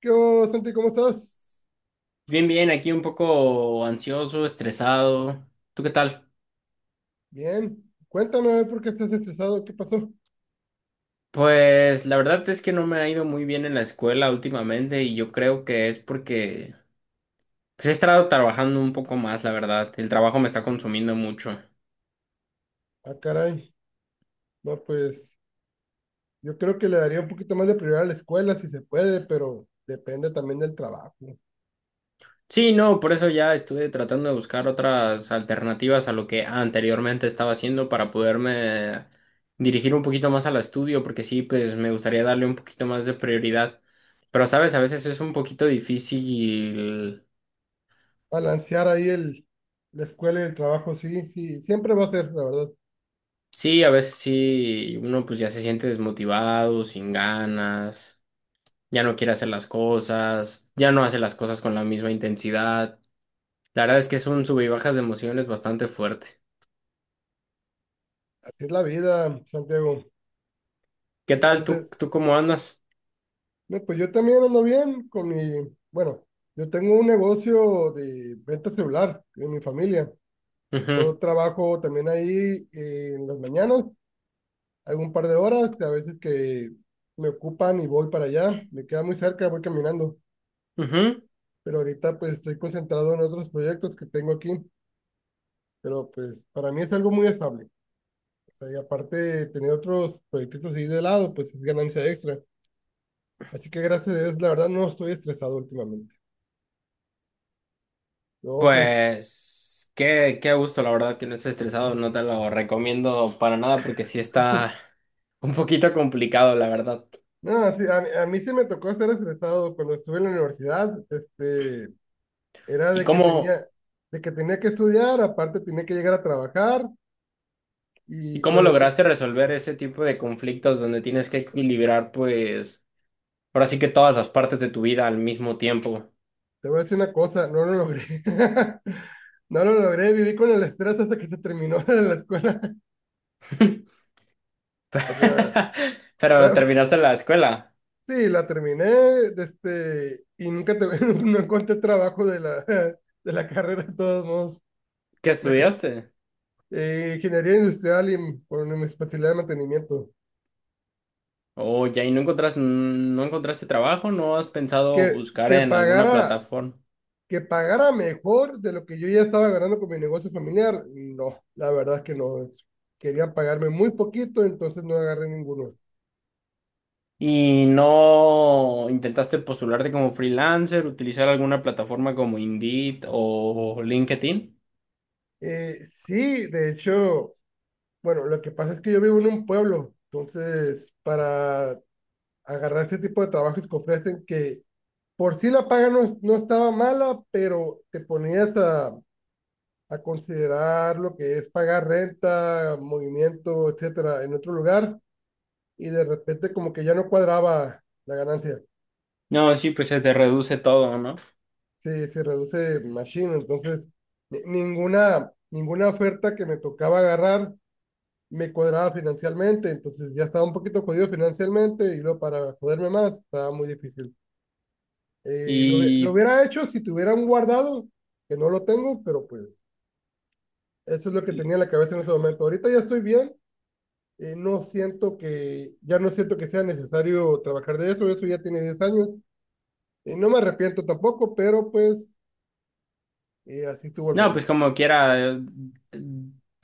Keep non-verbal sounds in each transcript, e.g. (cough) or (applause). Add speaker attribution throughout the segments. Speaker 1: ¿Qué hubo, Santi? ¿Cómo estás?
Speaker 2: Bien, bien, aquí un poco ansioso, estresado. ¿Tú qué tal?
Speaker 1: Bien. Cuéntame a ver por qué estás estresado. ¿Qué pasó?
Speaker 2: Pues la verdad es que no me ha ido muy bien en la escuela últimamente y yo creo que es porque pues, he estado trabajando un poco más, la verdad. El trabajo me está consumiendo mucho.
Speaker 1: Ah, caray. No, pues yo creo que le daría un poquito más de prioridad a la escuela si se puede, pero depende también del trabajo.
Speaker 2: Sí, no, por eso ya estuve tratando de buscar otras alternativas a lo que anteriormente estaba haciendo para poderme dirigir un poquito más al estudio, porque sí, pues me gustaría darle un poquito más de prioridad. Pero sabes, a veces es un poquito difícil.
Speaker 1: Balancear ahí la escuela y el trabajo, sí, sí, siempre va a ser, la verdad.
Speaker 2: Sí, a veces sí, uno pues ya se siente desmotivado, sin ganas, ya no quiere hacer las cosas, ya no hace las cosas con la misma intensidad. La verdad es que es un sube y bajas de emociones bastante fuerte.
Speaker 1: Así es la vida, Santiago.
Speaker 2: ¿Qué tal? ¿Tú,
Speaker 1: Entonces,
Speaker 2: tú cómo andas?
Speaker 1: no, pues yo también ando bien con mi, bueno, yo tengo un negocio de venta celular en mi familia. Yo
Speaker 2: Ujú,
Speaker 1: trabajo también ahí en las mañanas. Algún par de horas, a veces que me ocupan y voy para allá, me queda muy cerca, voy caminando,
Speaker 2: ujú.
Speaker 1: pero ahorita pues estoy concentrado en otros proyectos que tengo aquí, pero pues para mí es algo muy estable. O sea, y aparte de tener otros proyectos ahí de lado, pues es ganancia extra. Así que gracias a Dios, la verdad no estoy estresado últimamente. No, pues
Speaker 2: Pues qué gusto, la verdad, que no estés estresado, no te lo recomiendo para nada porque sí está un poquito complicado, la verdad.
Speaker 1: nada, sí, a mí sí me tocó estar estresado cuando estuve en la universidad, era
Speaker 2: ¿Y
Speaker 1: de que
Speaker 2: cómo,
Speaker 1: tenía, de que tenía que estudiar, aparte tenía que llegar a trabajar.
Speaker 2: y
Speaker 1: Y
Speaker 2: cómo
Speaker 1: cuando,
Speaker 2: lograste resolver ese tipo de conflictos donde tienes que equilibrar, pues ahora sí que todas las partes de tu vida al mismo tiempo.
Speaker 1: te voy a decir una cosa, no lo logré. (laughs) No lo logré, viví con el estrés hasta que se terminó (laughs) la escuela.
Speaker 2: (laughs)
Speaker 1: O sea,
Speaker 2: Pero
Speaker 1: pa-
Speaker 2: terminaste la escuela.
Speaker 1: sí, la terminé, y nunca te- (laughs) no encontré trabajo de la, (laughs) de la carrera, de todos modos.
Speaker 2: ¿Qué
Speaker 1: Me que-
Speaker 2: estudiaste?
Speaker 1: ingeniería industrial por mi especialidad de mantenimiento.
Speaker 2: Oh, ya, ¿y no encontraste, no encontraste trabajo? ¿No has
Speaker 1: Que,
Speaker 2: pensado buscar
Speaker 1: que
Speaker 2: en alguna
Speaker 1: pagara,
Speaker 2: plataforma?
Speaker 1: que pagara mejor de lo que yo ya estaba ganando con mi negocio familiar, no, la verdad es que no. Querían pagarme muy poquito, entonces no agarré ninguno.
Speaker 2: ¿Y no intentaste postularte como freelancer, utilizar alguna plataforma como Indeed o LinkedIn?
Speaker 1: Sí, de hecho, bueno, lo que pasa es que yo vivo en un pueblo, entonces para agarrar ese tipo de trabajos que ofrecen, que por sí la paga no, es- no estaba mala, pero te ponías a considerar lo que es pagar renta, movimiento, etcétera, en otro lugar, y de repente como que ya no cuadraba la ganancia,
Speaker 2: No, sí, pues se te reduce todo, ¿no?
Speaker 1: se reduce machine, entonces ninguna oferta que me tocaba agarrar me cuadraba financieramente, entonces ya estaba un poquito jodido financieramente y luego para joderme más estaba muy difícil. Lo
Speaker 2: Y,
Speaker 1: hubiera hecho si tuviera un guardado, que no lo tengo, pero pues eso es lo que
Speaker 2: y
Speaker 1: tenía en la cabeza en ese momento. Ahorita ya estoy bien, no siento que, ya no siento que sea necesario trabajar de eso, eso ya tiene 10 años. No me arrepiento tampoco, pero pues así estuvo el
Speaker 2: no, pues
Speaker 1: rollo.
Speaker 2: como quiera,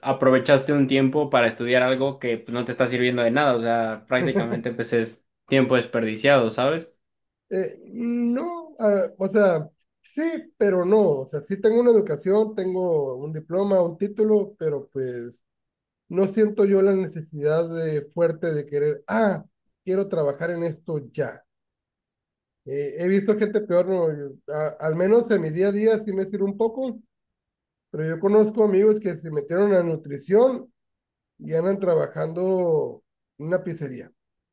Speaker 2: aprovechaste un tiempo para estudiar algo que pues, no te está sirviendo de nada, o sea, prácticamente pues es tiempo desperdiciado, ¿sabes?
Speaker 1: No, ah, o sea, sí, pero no. O sea, sí tengo una educación, tengo un diploma, un título, pero pues no siento yo la necesidad de, fuerte de querer, quiero trabajar en esto ya. He visto gente peor, no, al menos en mi día a día sí me sirve un poco, pero yo conozco amigos que se metieron a nutrición y andan trabajando en una pizzería.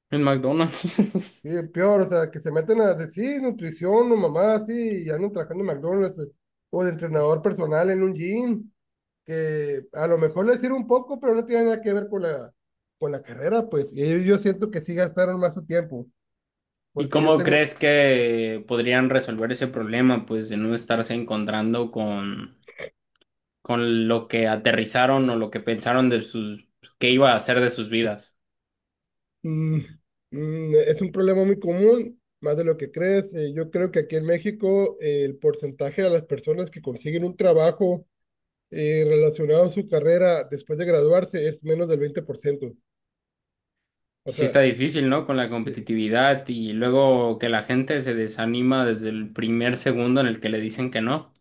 Speaker 2: En McDonald's.
Speaker 1: Sí, el peor, o sea, que se meten a decir "Sí, nutrición o mamá", así, y andan trabajando en McDonald's, o de entrenador personal en un gym, que a lo mejor les sirve un poco, pero no tiene nada que ver con la carrera, pues. Y ellos yo siento que sí gastaron más su tiempo,
Speaker 2: (laughs) ¿Y
Speaker 1: porque yo
Speaker 2: cómo
Speaker 1: tengo,
Speaker 2: crees que podrían resolver ese problema, pues, de no estarse encontrando con lo que aterrizaron o lo que pensaron de sus, qué iba a hacer de sus vidas?
Speaker 1: mm, es un problema muy común, más de lo que crees. Yo creo que aquí en México, el porcentaje de las personas que consiguen un trabajo, relacionado a su carrera después de graduarse es menos del 20%. O
Speaker 2: Y sí
Speaker 1: sea,
Speaker 2: está difícil, ¿no? Con la
Speaker 1: sí.
Speaker 2: competitividad y luego que la gente se desanima desde el primer segundo en el que le dicen que no.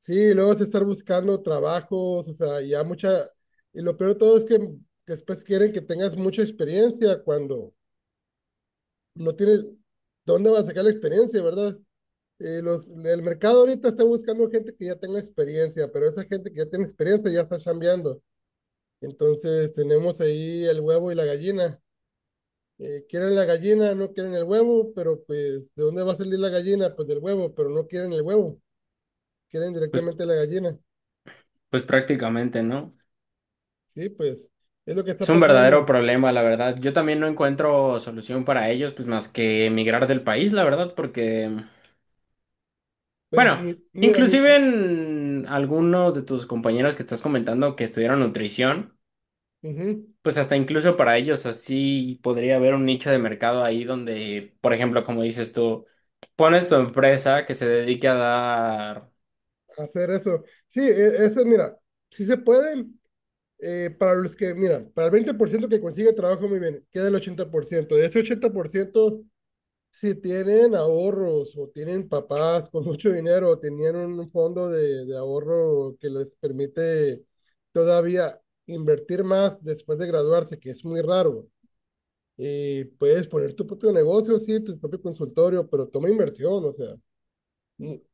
Speaker 1: Sí, luego es estar buscando trabajos, o sea, ya mucha, y lo peor de todo es que después quieren que tengas mucha experiencia cuando no tienes, ¿dónde vas a sacar la experiencia, verdad? Los, el mercado ahorita está buscando gente que ya tenga experiencia, pero esa gente que ya tiene experiencia ya está chambeando. Entonces tenemos ahí el huevo y la gallina. Quieren la gallina, no quieren el huevo, pero pues, ¿de dónde va a salir la gallina? Pues del huevo, pero no quieren el huevo, quieren
Speaker 2: Pues
Speaker 1: directamente la gallina.
Speaker 2: pues prácticamente, ¿no?
Speaker 1: Sí, pues, es lo que
Speaker 2: Es
Speaker 1: está
Speaker 2: un verdadero
Speaker 1: pasando.
Speaker 2: problema, la verdad. Yo también no encuentro solución para ellos, pues más que emigrar del país, la verdad, porque,
Speaker 1: Pues
Speaker 2: bueno,
Speaker 1: ni, mira, ni,
Speaker 2: inclusive
Speaker 1: ni-
Speaker 2: en algunos de tus compañeros que estás comentando que estudiaron nutrición,
Speaker 1: ujú,
Speaker 2: pues hasta incluso para ellos así podría haber un nicho de mercado ahí donde, por ejemplo, como dices tú, pones tu empresa que se dedique a dar,
Speaker 1: hacer eso. Sí, eso, mira, si se pueden, para los que, mira, para el 20% que consigue trabajo, muy bien, queda el 80%. De ese 80%, si tienen ahorros o tienen papás con mucho dinero o tenían un fondo de ahorro que les permite todavía invertir más después de graduarse, que es muy raro. Y puedes poner tu propio negocio, sí, tu propio consultorio, pero toma inversión, o sea.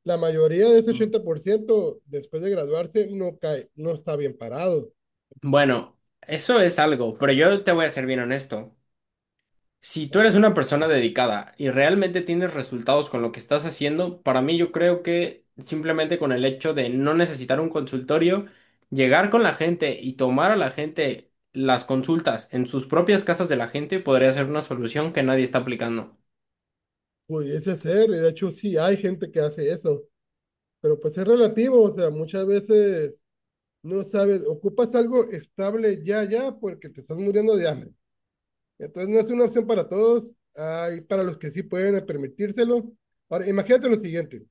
Speaker 1: La mayoría de ese
Speaker 2: mm,
Speaker 1: 80% después de graduarse no cae, no está bien parado.
Speaker 2: bueno, eso es algo, pero yo te voy a ser bien honesto. Si tú eres
Speaker 1: ¿Sabe?
Speaker 2: una persona dedicada y realmente tienes resultados con lo que estás haciendo, para mí yo creo que simplemente con el hecho de no necesitar un consultorio, llegar con la gente y tomar a la gente las consultas en sus propias casas de la gente podría ser una solución que nadie está aplicando.
Speaker 1: Pudiese ser, y de hecho sí hay gente que hace eso, pero pues es relativo, o sea, muchas veces no sabes, ocupas algo estable ya, ya, porque te estás muriendo de hambre. Entonces no es una opción para todos, hay para los que sí pueden permitírselo. Ahora, imagínate lo siguiente,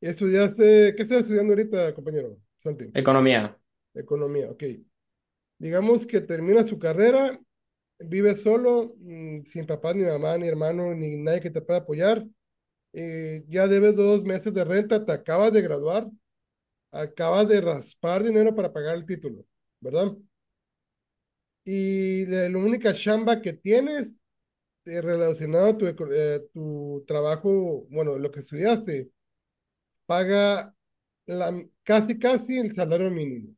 Speaker 1: estudiaste, ¿qué estás estudiando ahorita, compañero? Santi,
Speaker 2: Economía.
Speaker 1: economía, ok. Digamos que termina su carrera. Vives solo, sin papá, ni mamá, ni hermano, ni nadie que te pueda apoyar. Ya debes 2 meses de renta, te acabas de graduar, acabas de raspar dinero para pagar el título, ¿verdad? Y la única chamba que tienes, relacionado a tu, tu trabajo, bueno, lo que estudiaste, paga casi, casi el salario mínimo.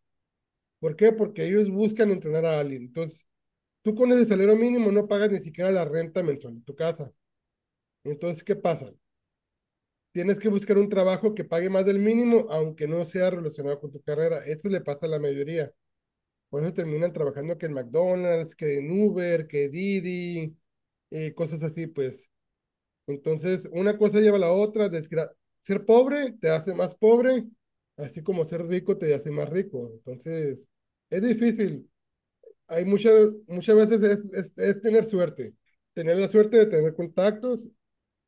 Speaker 1: ¿Por qué? Porque ellos buscan entrenar a alguien. Entonces, tú con ese salario mínimo no pagas ni siquiera la renta mensual de tu casa. Entonces, ¿qué pasa? Tienes que buscar un trabajo que pague más del mínimo, aunque no sea relacionado con tu carrera. Eso le pasa a la mayoría. Por eso terminan trabajando que en McDonald's, que en Uber, que Didi, cosas así, pues. Entonces, una cosa lleva a la otra. Ser pobre te hace más pobre, así como ser rico te hace más rico. Entonces, es difícil. Hay muchas, muchas veces es tener suerte. Tener la suerte de tener contactos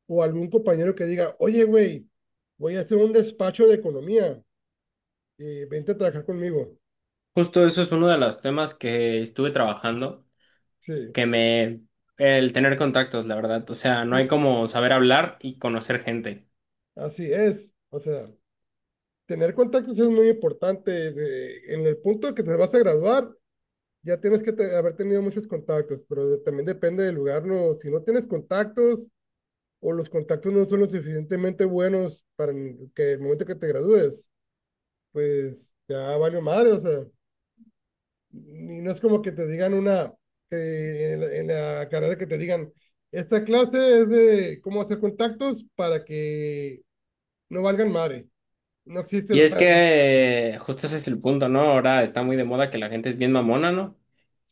Speaker 1: o algún compañero que diga, oye, güey, voy a hacer un despacho de economía, vente a trabajar conmigo.
Speaker 2: Justo eso es uno de los temas que estuve trabajando,
Speaker 1: Sí,
Speaker 2: que me... el tener contactos, la verdad. O sea, no hay
Speaker 1: sí,
Speaker 2: como saber hablar y conocer gente.
Speaker 1: así es. O sea, tener contactos es muy importante. En el punto que te vas a graduar, ya tienes que haber tenido muchos contactos, pero también depende del lugar, ¿no? Si no tienes contactos o los contactos no son lo suficientemente buenos para que el momento que te gradúes, pues ya valió madre, o sea, y no es como que te digan una, en la carrera que te digan, esta clase es de cómo hacer contactos para que no valgan madre. No existe
Speaker 2: Y
Speaker 1: la...
Speaker 2: es
Speaker 1: (laughs)
Speaker 2: que justo ese es el punto, ¿no? Ahora está muy de moda que la gente es bien mamona, ¿no?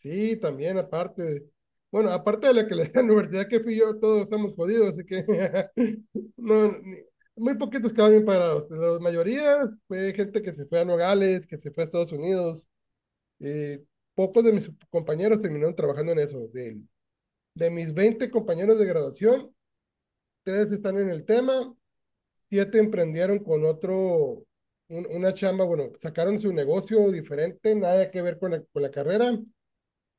Speaker 1: Sí, también aparte. Bueno, aparte de la que le da la universidad que fui yo, todos estamos jodidos, así que (laughs) no, muy poquitos quedaron bien parados. La mayoría fue gente que se fue a Nogales, que se fue a Estados Unidos. eh, Pocos de mis compañeros terminaron trabajando en eso. De mis 20 compañeros de graduación, tres están en el tema, siete emprendieron con otro, una chamba, bueno, sacaron su negocio diferente, nada que ver con la carrera,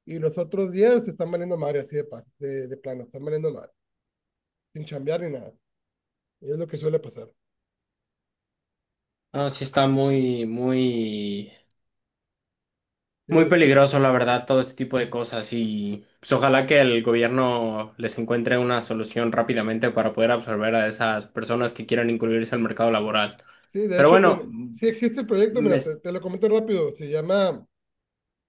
Speaker 1: y los otros 10 se están valiendo madre así de, de plano, están valiendo madre, sin chambear ni nada. Y es lo que suele pasar.
Speaker 2: No, sí está
Speaker 1: Sí,
Speaker 2: muy
Speaker 1: sí,
Speaker 2: peligroso, la verdad, todo este tipo de cosas. Y pues ojalá que el gobierno les encuentre una solución rápidamente para poder absorber a esas personas que quieran incluirse al mercado laboral.
Speaker 1: sí, de
Speaker 2: Pero
Speaker 1: hecho,
Speaker 2: bueno,
Speaker 1: sí existe el proyecto,
Speaker 2: me...
Speaker 1: mira, te,
Speaker 2: es-
Speaker 1: te lo comento rápido, se llama...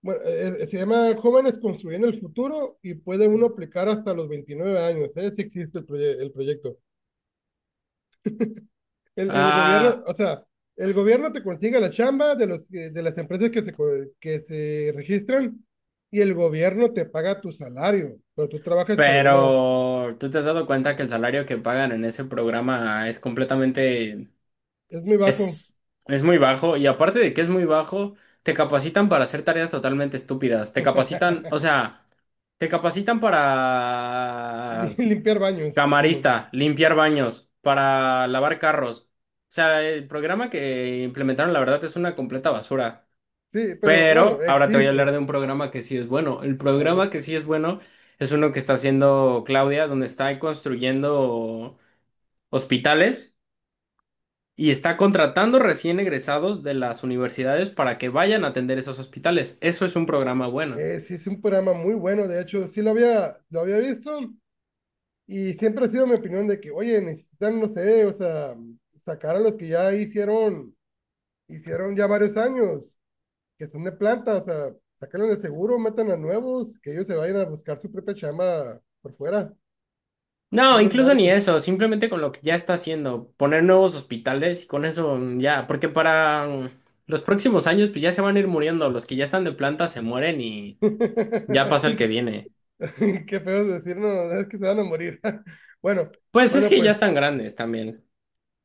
Speaker 1: Bueno, se llama Jóvenes Construyendo el Futuro y puede uno aplicar hasta los 29 años, ¿eh? Si existe el, el proyecto. El gobierno,
Speaker 2: Ah,
Speaker 1: o sea, el gobierno te consigue la chamba de las empresas que se registran y el gobierno te paga tu salario, pero tú trabajas para una,
Speaker 2: pero ¿tú te has dado cuenta que el salario que pagan en ese programa es completamente
Speaker 1: es muy bajo.
Speaker 2: Es, es muy bajo y aparte de que es muy bajo, te capacitan para hacer tareas totalmente estúpidas. Te capacitan, o
Speaker 1: (laughs)
Speaker 2: sea, te capacitan
Speaker 1: Ni
Speaker 2: para
Speaker 1: limpiar baños, Simón.
Speaker 2: camarista, limpiar baños, para lavar carros. O sea, el programa que implementaron, la verdad, es una completa basura.
Speaker 1: Sí, pero bueno,
Speaker 2: Pero ahora te voy a hablar
Speaker 1: existe.
Speaker 2: de un programa que sí es bueno. El
Speaker 1: A
Speaker 2: programa
Speaker 1: ver,
Speaker 2: que sí es bueno es uno que está haciendo Claudia, donde está construyendo hospitales. Y está contratando recién egresados de las universidades para que vayan a atender esos hospitales. Eso es un programa bueno.
Speaker 1: sí es un programa muy bueno, de hecho, sí lo había visto y siempre ha sido mi opinión de que, oye, necesitan, no sé, o sea, sacar a los que ya hicieron ya varios años que son de planta, o sea, sáquenlo del seguro, metan a nuevos, que ellos se vayan a buscar su propia chamba por fuera. Es
Speaker 2: No,
Speaker 1: un
Speaker 2: incluso
Speaker 1: desmadre,
Speaker 2: ni
Speaker 1: pues.
Speaker 2: eso, simplemente con lo que ya está haciendo, poner nuevos hospitales y con eso mm, ya, porque para mm, los próximos años pues ya se van a ir muriendo, los que ya están de planta se mueren y ya pasa el que
Speaker 1: (laughs)
Speaker 2: viene.
Speaker 1: Qué feo decir, no, es que se van a morir. (laughs) Bueno,
Speaker 2: Pues es
Speaker 1: bueno,
Speaker 2: que ya
Speaker 1: pues
Speaker 2: están grandes también.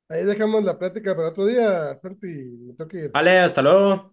Speaker 1: ahí dejamos la plática para otro día, Santi, me tengo que ir.
Speaker 2: Vale, hasta luego.